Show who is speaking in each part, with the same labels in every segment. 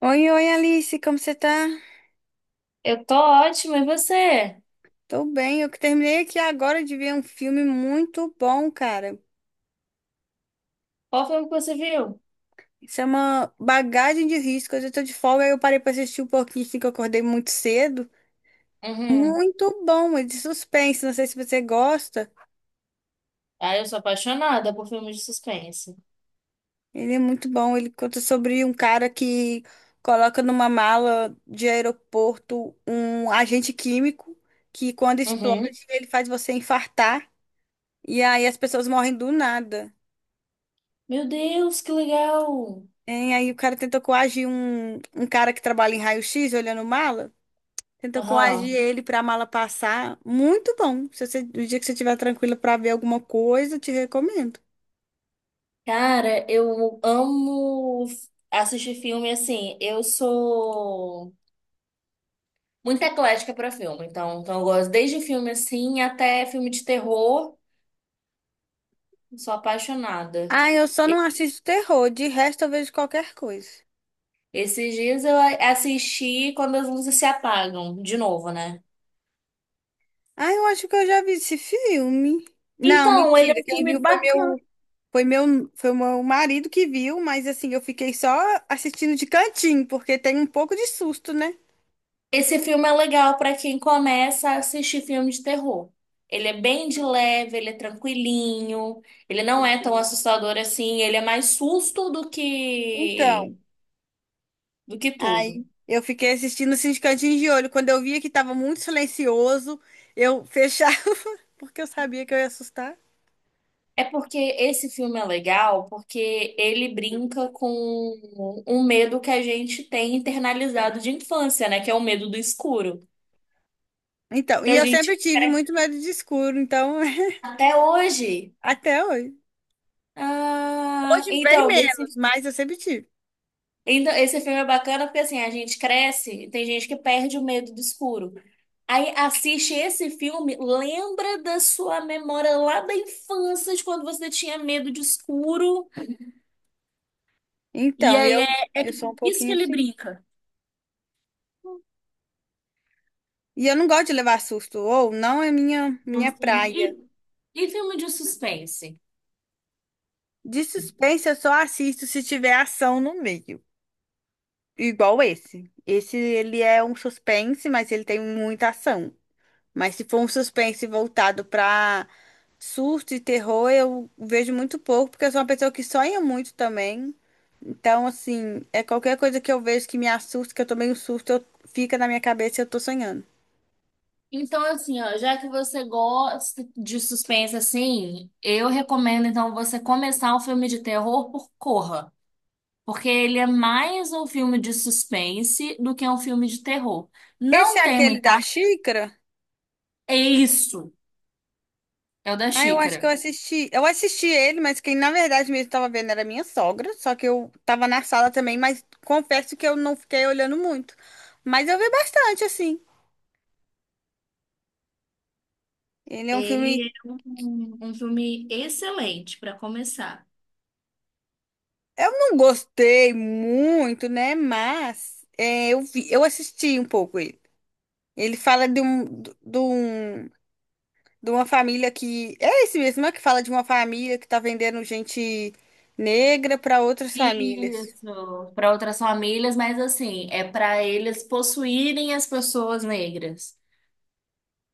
Speaker 1: Oi, oi, Alice, como você tá?
Speaker 2: Eu tô ótima, e você?
Speaker 1: Tô bem, eu que terminei aqui agora de ver um filme muito bom, cara.
Speaker 2: Qual filme que você viu?
Speaker 1: Isso é uma bagagem de risco. Hoje eu tô de folga e eu parei pra assistir um pouquinho, assim, que eu acordei muito cedo.
Speaker 2: Uhum.
Speaker 1: Muito bom, é de suspense, não sei se você gosta.
Speaker 2: Ah, eu sou apaixonada por filmes de suspense.
Speaker 1: Ele é muito bom, ele conta sobre um cara que coloca numa mala de aeroporto um agente químico que quando explode
Speaker 2: Uhum.
Speaker 1: ele faz você infartar e aí as pessoas morrem do nada.
Speaker 2: Meu Deus, que legal!
Speaker 1: Hein? Aí o cara tentou coagir um cara que trabalha em raio-x olhando mala. Tentou coagir
Speaker 2: Aham.
Speaker 1: ele para a mala passar. Muito bom. Se você, o dia que você estiver tranquila para ver alguma coisa, eu te recomendo.
Speaker 2: Cara, eu amo assistir filme assim. Eu sou muito eclética pra filme, então eu gosto desde filme assim até filme de terror. Sou apaixonada.
Speaker 1: Ah, eu só não
Speaker 2: E-
Speaker 1: assisto terror. De resto, eu vejo qualquer coisa.
Speaker 2: Esses dias eu assisti Quando as Luzes Se Apagam, de novo, né?
Speaker 1: Ah, eu acho que eu já vi esse filme. Não,
Speaker 2: Então, ele é
Speaker 1: mentira.
Speaker 2: um
Speaker 1: Quem
Speaker 2: filme
Speaker 1: viu foi
Speaker 2: bacana.
Speaker 1: meu, foi meu, Foi o meu marido que viu, mas assim, eu fiquei só assistindo de cantinho, porque tem um pouco de susto, né?
Speaker 2: Esse filme é legal para quem começa a assistir filme de terror. Ele é bem de leve, ele é tranquilinho, ele não é tão assustador assim, ele é mais susto do que
Speaker 1: Então.
Speaker 2: do que tudo.
Speaker 1: Aí eu fiquei assistindo assim de cantinho de olho. Quando eu via que estava muito silencioso, eu fechava, porque eu sabia que eu ia assustar.
Speaker 2: É porque esse filme é legal porque ele brinca com um medo que a gente tem internalizado de infância, né, que é o medo do escuro.
Speaker 1: Então,
Speaker 2: Então
Speaker 1: e
Speaker 2: a
Speaker 1: eu sempre
Speaker 2: gente
Speaker 1: tive muito medo de escuro, então,
Speaker 2: até hoje,
Speaker 1: até hoje.
Speaker 2: ah,
Speaker 1: Hoje bem
Speaker 2: então
Speaker 1: menos,
Speaker 2: esse.
Speaker 1: mas eu sempre tive.
Speaker 2: Então, esse filme é bacana porque assim, a gente cresce, tem gente que perde o medo do escuro. Aí assiste esse filme, lembra da sua memória lá da infância, de quando você tinha medo de escuro. E
Speaker 1: Então,
Speaker 2: aí
Speaker 1: eu,
Speaker 2: é
Speaker 1: eu sou um
Speaker 2: isso que
Speaker 1: pouquinho
Speaker 2: ele
Speaker 1: assim.
Speaker 2: brinca.
Speaker 1: E eu não gosto de levar susto, ou não é minha praia.
Speaker 2: E, e filme de suspense?
Speaker 1: De suspense eu só assisto se tiver ação no meio, igual esse. Esse, ele é um suspense, mas ele tem muita ação. Mas se for um suspense voltado pra surto e terror, eu vejo muito pouco, porque eu sou uma pessoa que sonha muito também. Então, assim, é qualquer coisa que eu vejo que me assusta, que eu tomei um susto, eu, fica na minha cabeça e eu tô sonhando.
Speaker 2: Então, assim, ó, já que você gosta de suspense assim, eu recomendo então você começar um filme de terror por Corra. Porque ele é mais um filme de suspense do que um filme de terror.
Speaker 1: Esse é
Speaker 2: Não tem
Speaker 1: aquele
Speaker 2: muita
Speaker 1: da
Speaker 2: ação.
Speaker 1: xícara?
Speaker 2: É isso. É o da
Speaker 1: Ah, eu acho
Speaker 2: xícara.
Speaker 1: que eu assisti. Eu assisti ele, mas quem na verdade mesmo tava vendo era minha sogra, só que eu tava na sala também, mas confesso que eu não fiquei olhando muito. Mas eu vi bastante, assim. Ele é um
Speaker 2: Ele
Speaker 1: filme.
Speaker 2: é um filme excelente para começar.
Speaker 1: Eu não gostei muito, né? Mas é, eu vi, eu assisti um pouco ele. Ele fala de um, do- de um, de uma família que é esse mesmo, é que fala de uma família que tá vendendo gente negra para outras famílias.
Speaker 2: Isso. Para outras famílias, mas assim, é para eles possuírem as pessoas negras.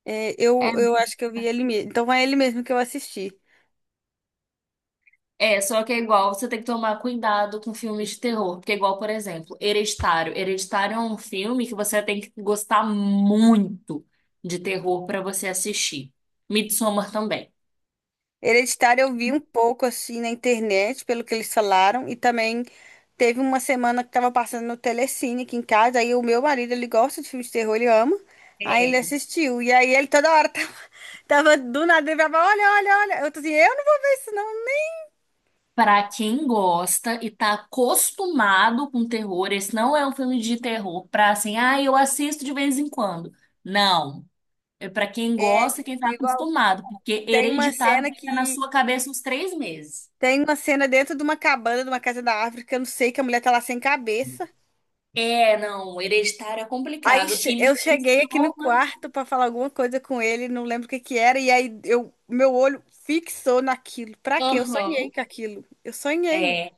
Speaker 1: É,
Speaker 2: É,
Speaker 1: eu acho que eu vi ele mesmo. Então é ele mesmo que eu assisti.
Speaker 2: É, só que é igual, você tem que tomar cuidado com filmes de terror, porque é igual, por exemplo, Hereditário. Hereditário é um filme que você tem que gostar muito de terror pra você assistir. Midsommar também.
Speaker 1: Hereditário eu vi um pouco assim na internet, pelo que eles falaram, e também teve uma semana que tava passando no Telecine aqui em casa, aí o meu marido, ele gosta de filmes de terror, ele ama, aí ele assistiu, e aí ele toda hora tava, tava do nada, ele falava, olha, olha, olha, eu tô assim, eu não vou ver isso não.
Speaker 2: Pra quem gosta e tá acostumado com terror, esse não é um filme de terror pra assim, ah, eu assisto de vez em quando. Não. É pra quem
Speaker 1: É,
Speaker 2: gosta e quem tá
Speaker 1: igual,
Speaker 2: acostumado, porque
Speaker 1: tem uma
Speaker 2: Hereditário
Speaker 1: cena
Speaker 2: fica na
Speaker 1: que,
Speaker 2: sua cabeça uns 3 meses.
Speaker 1: tem uma cena dentro de uma cabana, de uma casa da África, eu não sei, que a mulher tá lá sem cabeça.
Speaker 2: É, não, Hereditário é complicado. E
Speaker 1: Eu
Speaker 2: me
Speaker 1: cheguei aqui no
Speaker 2: soma.
Speaker 1: quarto pra falar alguma coisa com ele, não lembro o que que era, e aí eu, meu olho fixou naquilo. Pra quê? Eu sonhei
Speaker 2: Aham.
Speaker 1: com aquilo. Eu sonhei.
Speaker 2: É.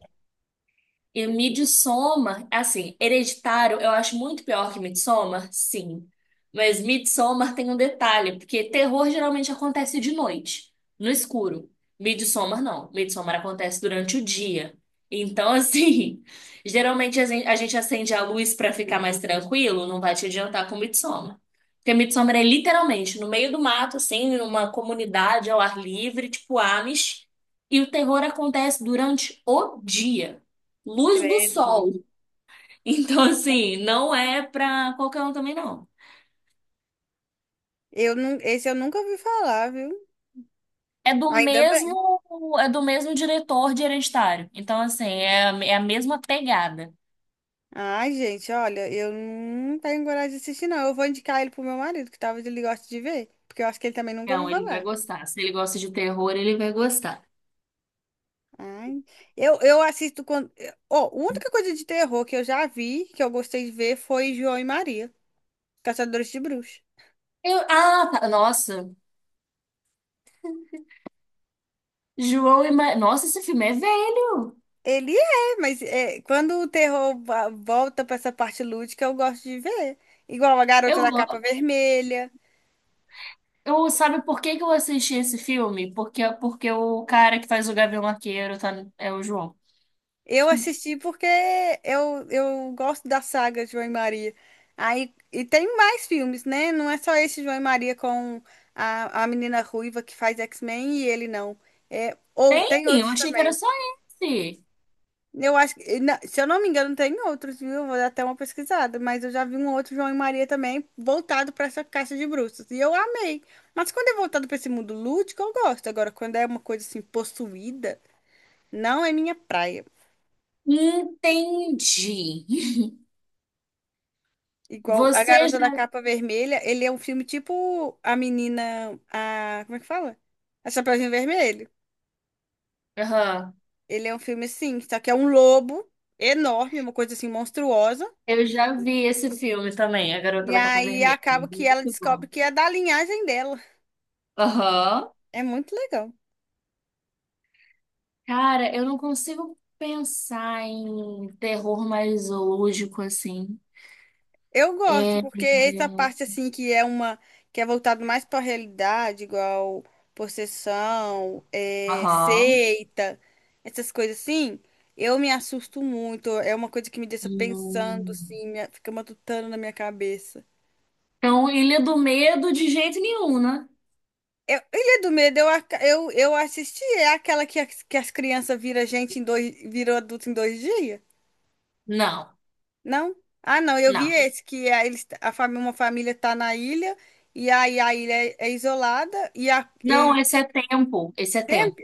Speaker 2: E Midsommar, assim, Hereditário, eu acho muito pior que Midsommar, sim. Mas Midsommar tem um detalhe, porque terror geralmente acontece de noite, no escuro. Midsommar não. Midsommar acontece durante o dia. Então, assim, geralmente a gente acende a luz pra ficar mais tranquilo, não vai te adiantar com Midsommar. Porque Midsommar é literalmente no meio do mato, assim, numa comunidade ao ar livre, tipo Amish, e o terror acontece durante o dia. Luz do
Speaker 1: Credo.
Speaker 2: sol. Então, assim, não é pra qualquer um também, não.
Speaker 1: Eu não, esse eu nunca ouvi falar, viu?
Speaker 2: É do
Speaker 1: Ainda bem.
Speaker 2: mesmo, é do mesmo diretor de Hereditário. Então, assim, é a mesma pegada.
Speaker 1: Ai, gente, olha, eu não tenho coragem de assistir, não. Eu vou indicar ele pro meu marido, que talvez ele goste de ver, porque eu acho que ele também nunca ouviu
Speaker 2: Então, ele vai
Speaker 1: falar.
Speaker 2: gostar. Se ele gosta de terror, ele vai gostar.
Speaker 1: Ai, eu assisto quando. Ó, a única coisa de terror que eu já vi, que eu gostei de ver, foi João e Maria, Caçadores de Bruxas.
Speaker 2: Eu, ah, tá, nossa. João e Ma... Nossa, esse filme é velho.
Speaker 1: Ele é, mas é, quando o terror volta pra essa parte lúdica, eu gosto de ver. Igual a Garota
Speaker 2: Eu,
Speaker 1: da Capa
Speaker 2: go-
Speaker 1: Vermelha.
Speaker 2: eu sabe por que que eu assisti esse filme? Porque o cara que faz o Gavião Arqueiro tá, é o João.
Speaker 1: Eu assisti porque eu gosto da saga João e Maria. Aí, e tem mais filmes, né? Não é só esse João e Maria com a menina ruiva que faz X-Men e ele não. É, ou
Speaker 2: Tem?
Speaker 1: tem
Speaker 2: Eu
Speaker 1: outros.
Speaker 2: achei que era só esse.
Speaker 1: Eu acho que, se eu não me engano, tem outros, viu? Eu vou dar até uma pesquisada, mas eu já vi um outro João e Maria também voltado para essa caixa de bruxas. E eu amei. Mas quando é voltado para esse mundo lúdico, eu gosto. Agora, quando é uma coisa assim possuída, não é minha praia.
Speaker 2: Entendi.
Speaker 1: Igual A
Speaker 2: Você
Speaker 1: Garota da
Speaker 2: já...
Speaker 1: Capa Vermelha, ele é um filme tipo a menina, a, como é que fala? A Chapeuzinho Vermelho.
Speaker 2: Aham.
Speaker 1: Ele é um filme assim, só que é um lobo enorme, uma coisa assim monstruosa.
Speaker 2: Eu já vi esse filme também, A Garota
Speaker 1: E
Speaker 2: da Capa
Speaker 1: aí
Speaker 2: Vermelha.
Speaker 1: acaba que ela
Speaker 2: Muito
Speaker 1: descobre
Speaker 2: bom.
Speaker 1: que é da linhagem dela.
Speaker 2: Aham.
Speaker 1: É muito legal.
Speaker 2: Cara, eu não consigo pensar em terror mais zoológico assim.
Speaker 1: Eu gosto,
Speaker 2: É... é,
Speaker 1: porque essa parte assim que é uma que é voltado mais para a realidade, igual possessão, é,
Speaker 2: Aham.
Speaker 1: seita, essas coisas assim, eu me assusto muito. É uma coisa que me deixa pensando
Speaker 2: Hum.
Speaker 1: assim, fica matutando na minha cabeça.
Speaker 2: Então, Ilha do Medo de jeito nenhum, né?
Speaker 1: Eu, Ilha do Medo, eu assisti, é aquela que as crianças viram gente em dois, viram adulto em dois dias?
Speaker 2: Não,
Speaker 1: Não? Ah, não, eu vi
Speaker 2: não.
Speaker 1: esse, que a, eles, uma família tá na ilha, e aí a ilha é, é isolada, e a...
Speaker 2: Não,
Speaker 1: e-
Speaker 2: esse é Tempo. Esse é
Speaker 1: é,
Speaker 2: Tempo.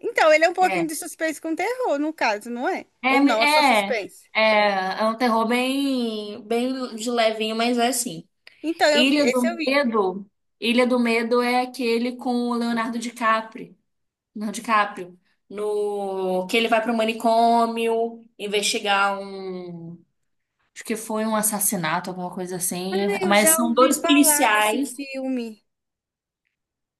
Speaker 1: então, ele é um pouquinho
Speaker 2: É.
Speaker 1: de suspense com terror, no caso, não é? Ou não, é só
Speaker 2: É, é,
Speaker 1: suspense.
Speaker 2: é, é um terror bem, bem de levinho, mas é assim.
Speaker 1: Então, eu vi,
Speaker 2: Ilha do
Speaker 1: esse eu vi.
Speaker 2: Medo, Ilha do Medo é aquele com o Leonardo DiCaprio, Leonardo DiCaprio, no que ele vai para o manicômio investigar um, acho que foi um assassinato, alguma coisa
Speaker 1: Ah,
Speaker 2: assim,
Speaker 1: eu
Speaker 2: mas
Speaker 1: já
Speaker 2: são
Speaker 1: ouvi
Speaker 2: dois
Speaker 1: falar desse
Speaker 2: policiais.
Speaker 1: filme.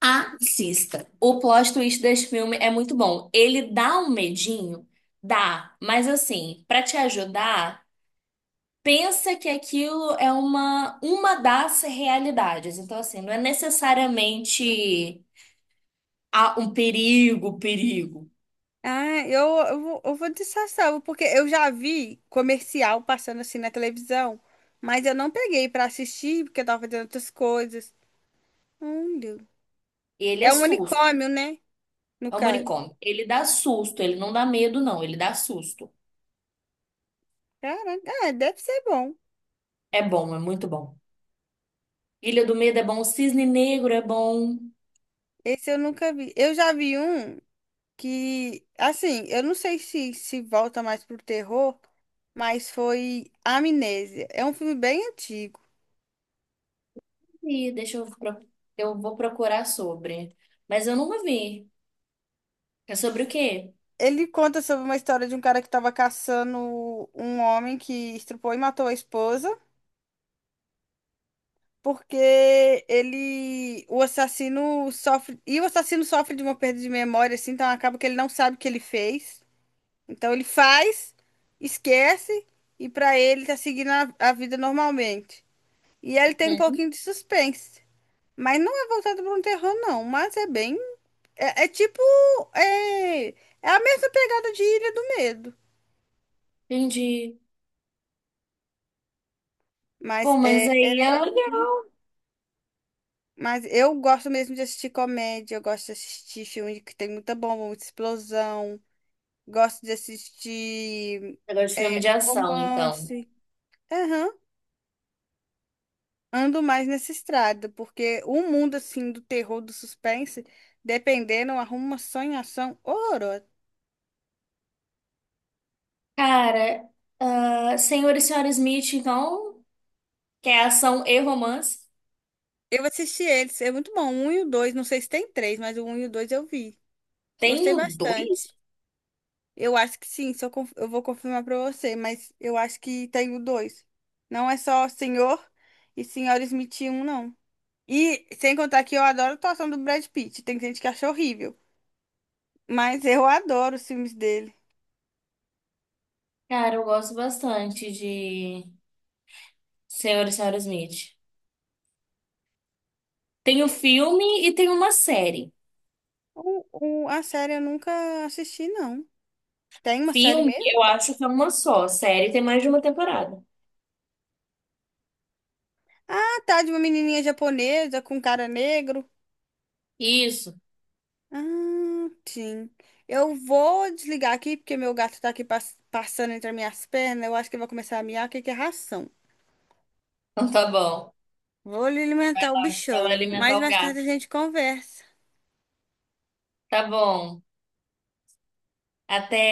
Speaker 2: Assista. O plot twist desse filme é muito bom. Ele dá um medinho, dá, mas assim, para te ajudar, pensa que aquilo é uma das realidades. Então assim, não é necessariamente um perigo, perigo.
Speaker 1: Ah, eu vou de Sassão, porque eu já vi comercial passando assim na televisão, mas eu não peguei pra assistir, porque eu tava fazendo outras coisas. Deus.
Speaker 2: Ele é
Speaker 1: É um
Speaker 2: susto.
Speaker 1: unicórnio, né? No
Speaker 2: É um
Speaker 1: caso.
Speaker 2: manicômio. Ele dá susto, ele não dá medo, não. Ele dá susto.
Speaker 1: Caraca, ah, deve ser bom.
Speaker 2: É bom, é muito bom. Ilha do Medo é bom, Cisne Negro é bom.
Speaker 1: Esse eu nunca vi. Eu já vi um que, assim, eu não sei se se volta mais pro terror, mas foi Amnésia. É um filme bem antigo.
Speaker 2: E deixa eu vou procurar sobre. Mas eu nunca vi. É sobre o quê?
Speaker 1: Ele conta sobre uma história de um cara que estava caçando um homem que estrupou e matou a esposa, porque ele, o assassino sofre, e o assassino sofre de uma perda de memória, assim, então acaba que ele não sabe o que ele fez. Então ele faz, esquece e pra ele tá seguindo a vida normalmente. E ele tem um
Speaker 2: Hum.
Speaker 1: pouquinho de suspense. Mas não é voltado para um terror, não. Mas é bem. É, é tipo. É, é a mesma pegada de Ilha do Medo.
Speaker 2: Entendi.
Speaker 1: Mas
Speaker 2: Bom,
Speaker 1: é,
Speaker 2: mas
Speaker 1: é
Speaker 2: aí é
Speaker 1: legal.
Speaker 2: legal.
Speaker 1: Mas eu gosto mesmo de assistir comédia. Eu gosto de assistir filme que tem muita bomba, muita explosão. Gosto de assistir
Speaker 2: Agora de filme
Speaker 1: é,
Speaker 2: de ação, então.
Speaker 1: romance. Aham. Ando mais nessa estrada, porque o mundo, assim, do terror, do suspense, dependendo, arruma uma sonhação horrorosa.
Speaker 2: Cara, ah, Senhor e Senhora Smith, então, que é ação e romance.
Speaker 1: Eu assisti eles, é muito bom. O um e o dois, não sei se tem três, mas o um e o dois eu vi. Gostei
Speaker 2: Tenho dois?
Speaker 1: bastante. Eu acho que sim, se eu, conf- eu vou confirmar pra você, mas eu acho que tem o dois. Não é só Senhor e Senhora Smith um não. E sem contar que eu adoro a atuação do Brad Pitt. Tem gente que acha horrível, mas eu adoro os filmes dele.
Speaker 2: Cara, eu gosto bastante de Senhor e Senhora Smith. Tem o filme e tem uma série.
Speaker 1: A série eu nunca assisti, não. Tem uma série
Speaker 2: Filme, eu
Speaker 1: mesmo?
Speaker 2: acho que é uma só. Série tem mais de uma temporada.
Speaker 1: Ah, tá, de uma menininha japonesa com um cara negro.
Speaker 2: Isso.
Speaker 1: Ah, sim. Eu vou desligar aqui porque meu gato tá aqui passando entre as minhas pernas. Eu acho que ele vai começar a miar, que é ração.
Speaker 2: Então tá bom.
Speaker 1: Vou lhe alimentar o
Speaker 2: Ela
Speaker 1: bichano.
Speaker 2: alimentar
Speaker 1: Mas
Speaker 2: o
Speaker 1: mais tarde a
Speaker 2: gato.
Speaker 1: gente conversa.
Speaker 2: Tá bom. Até.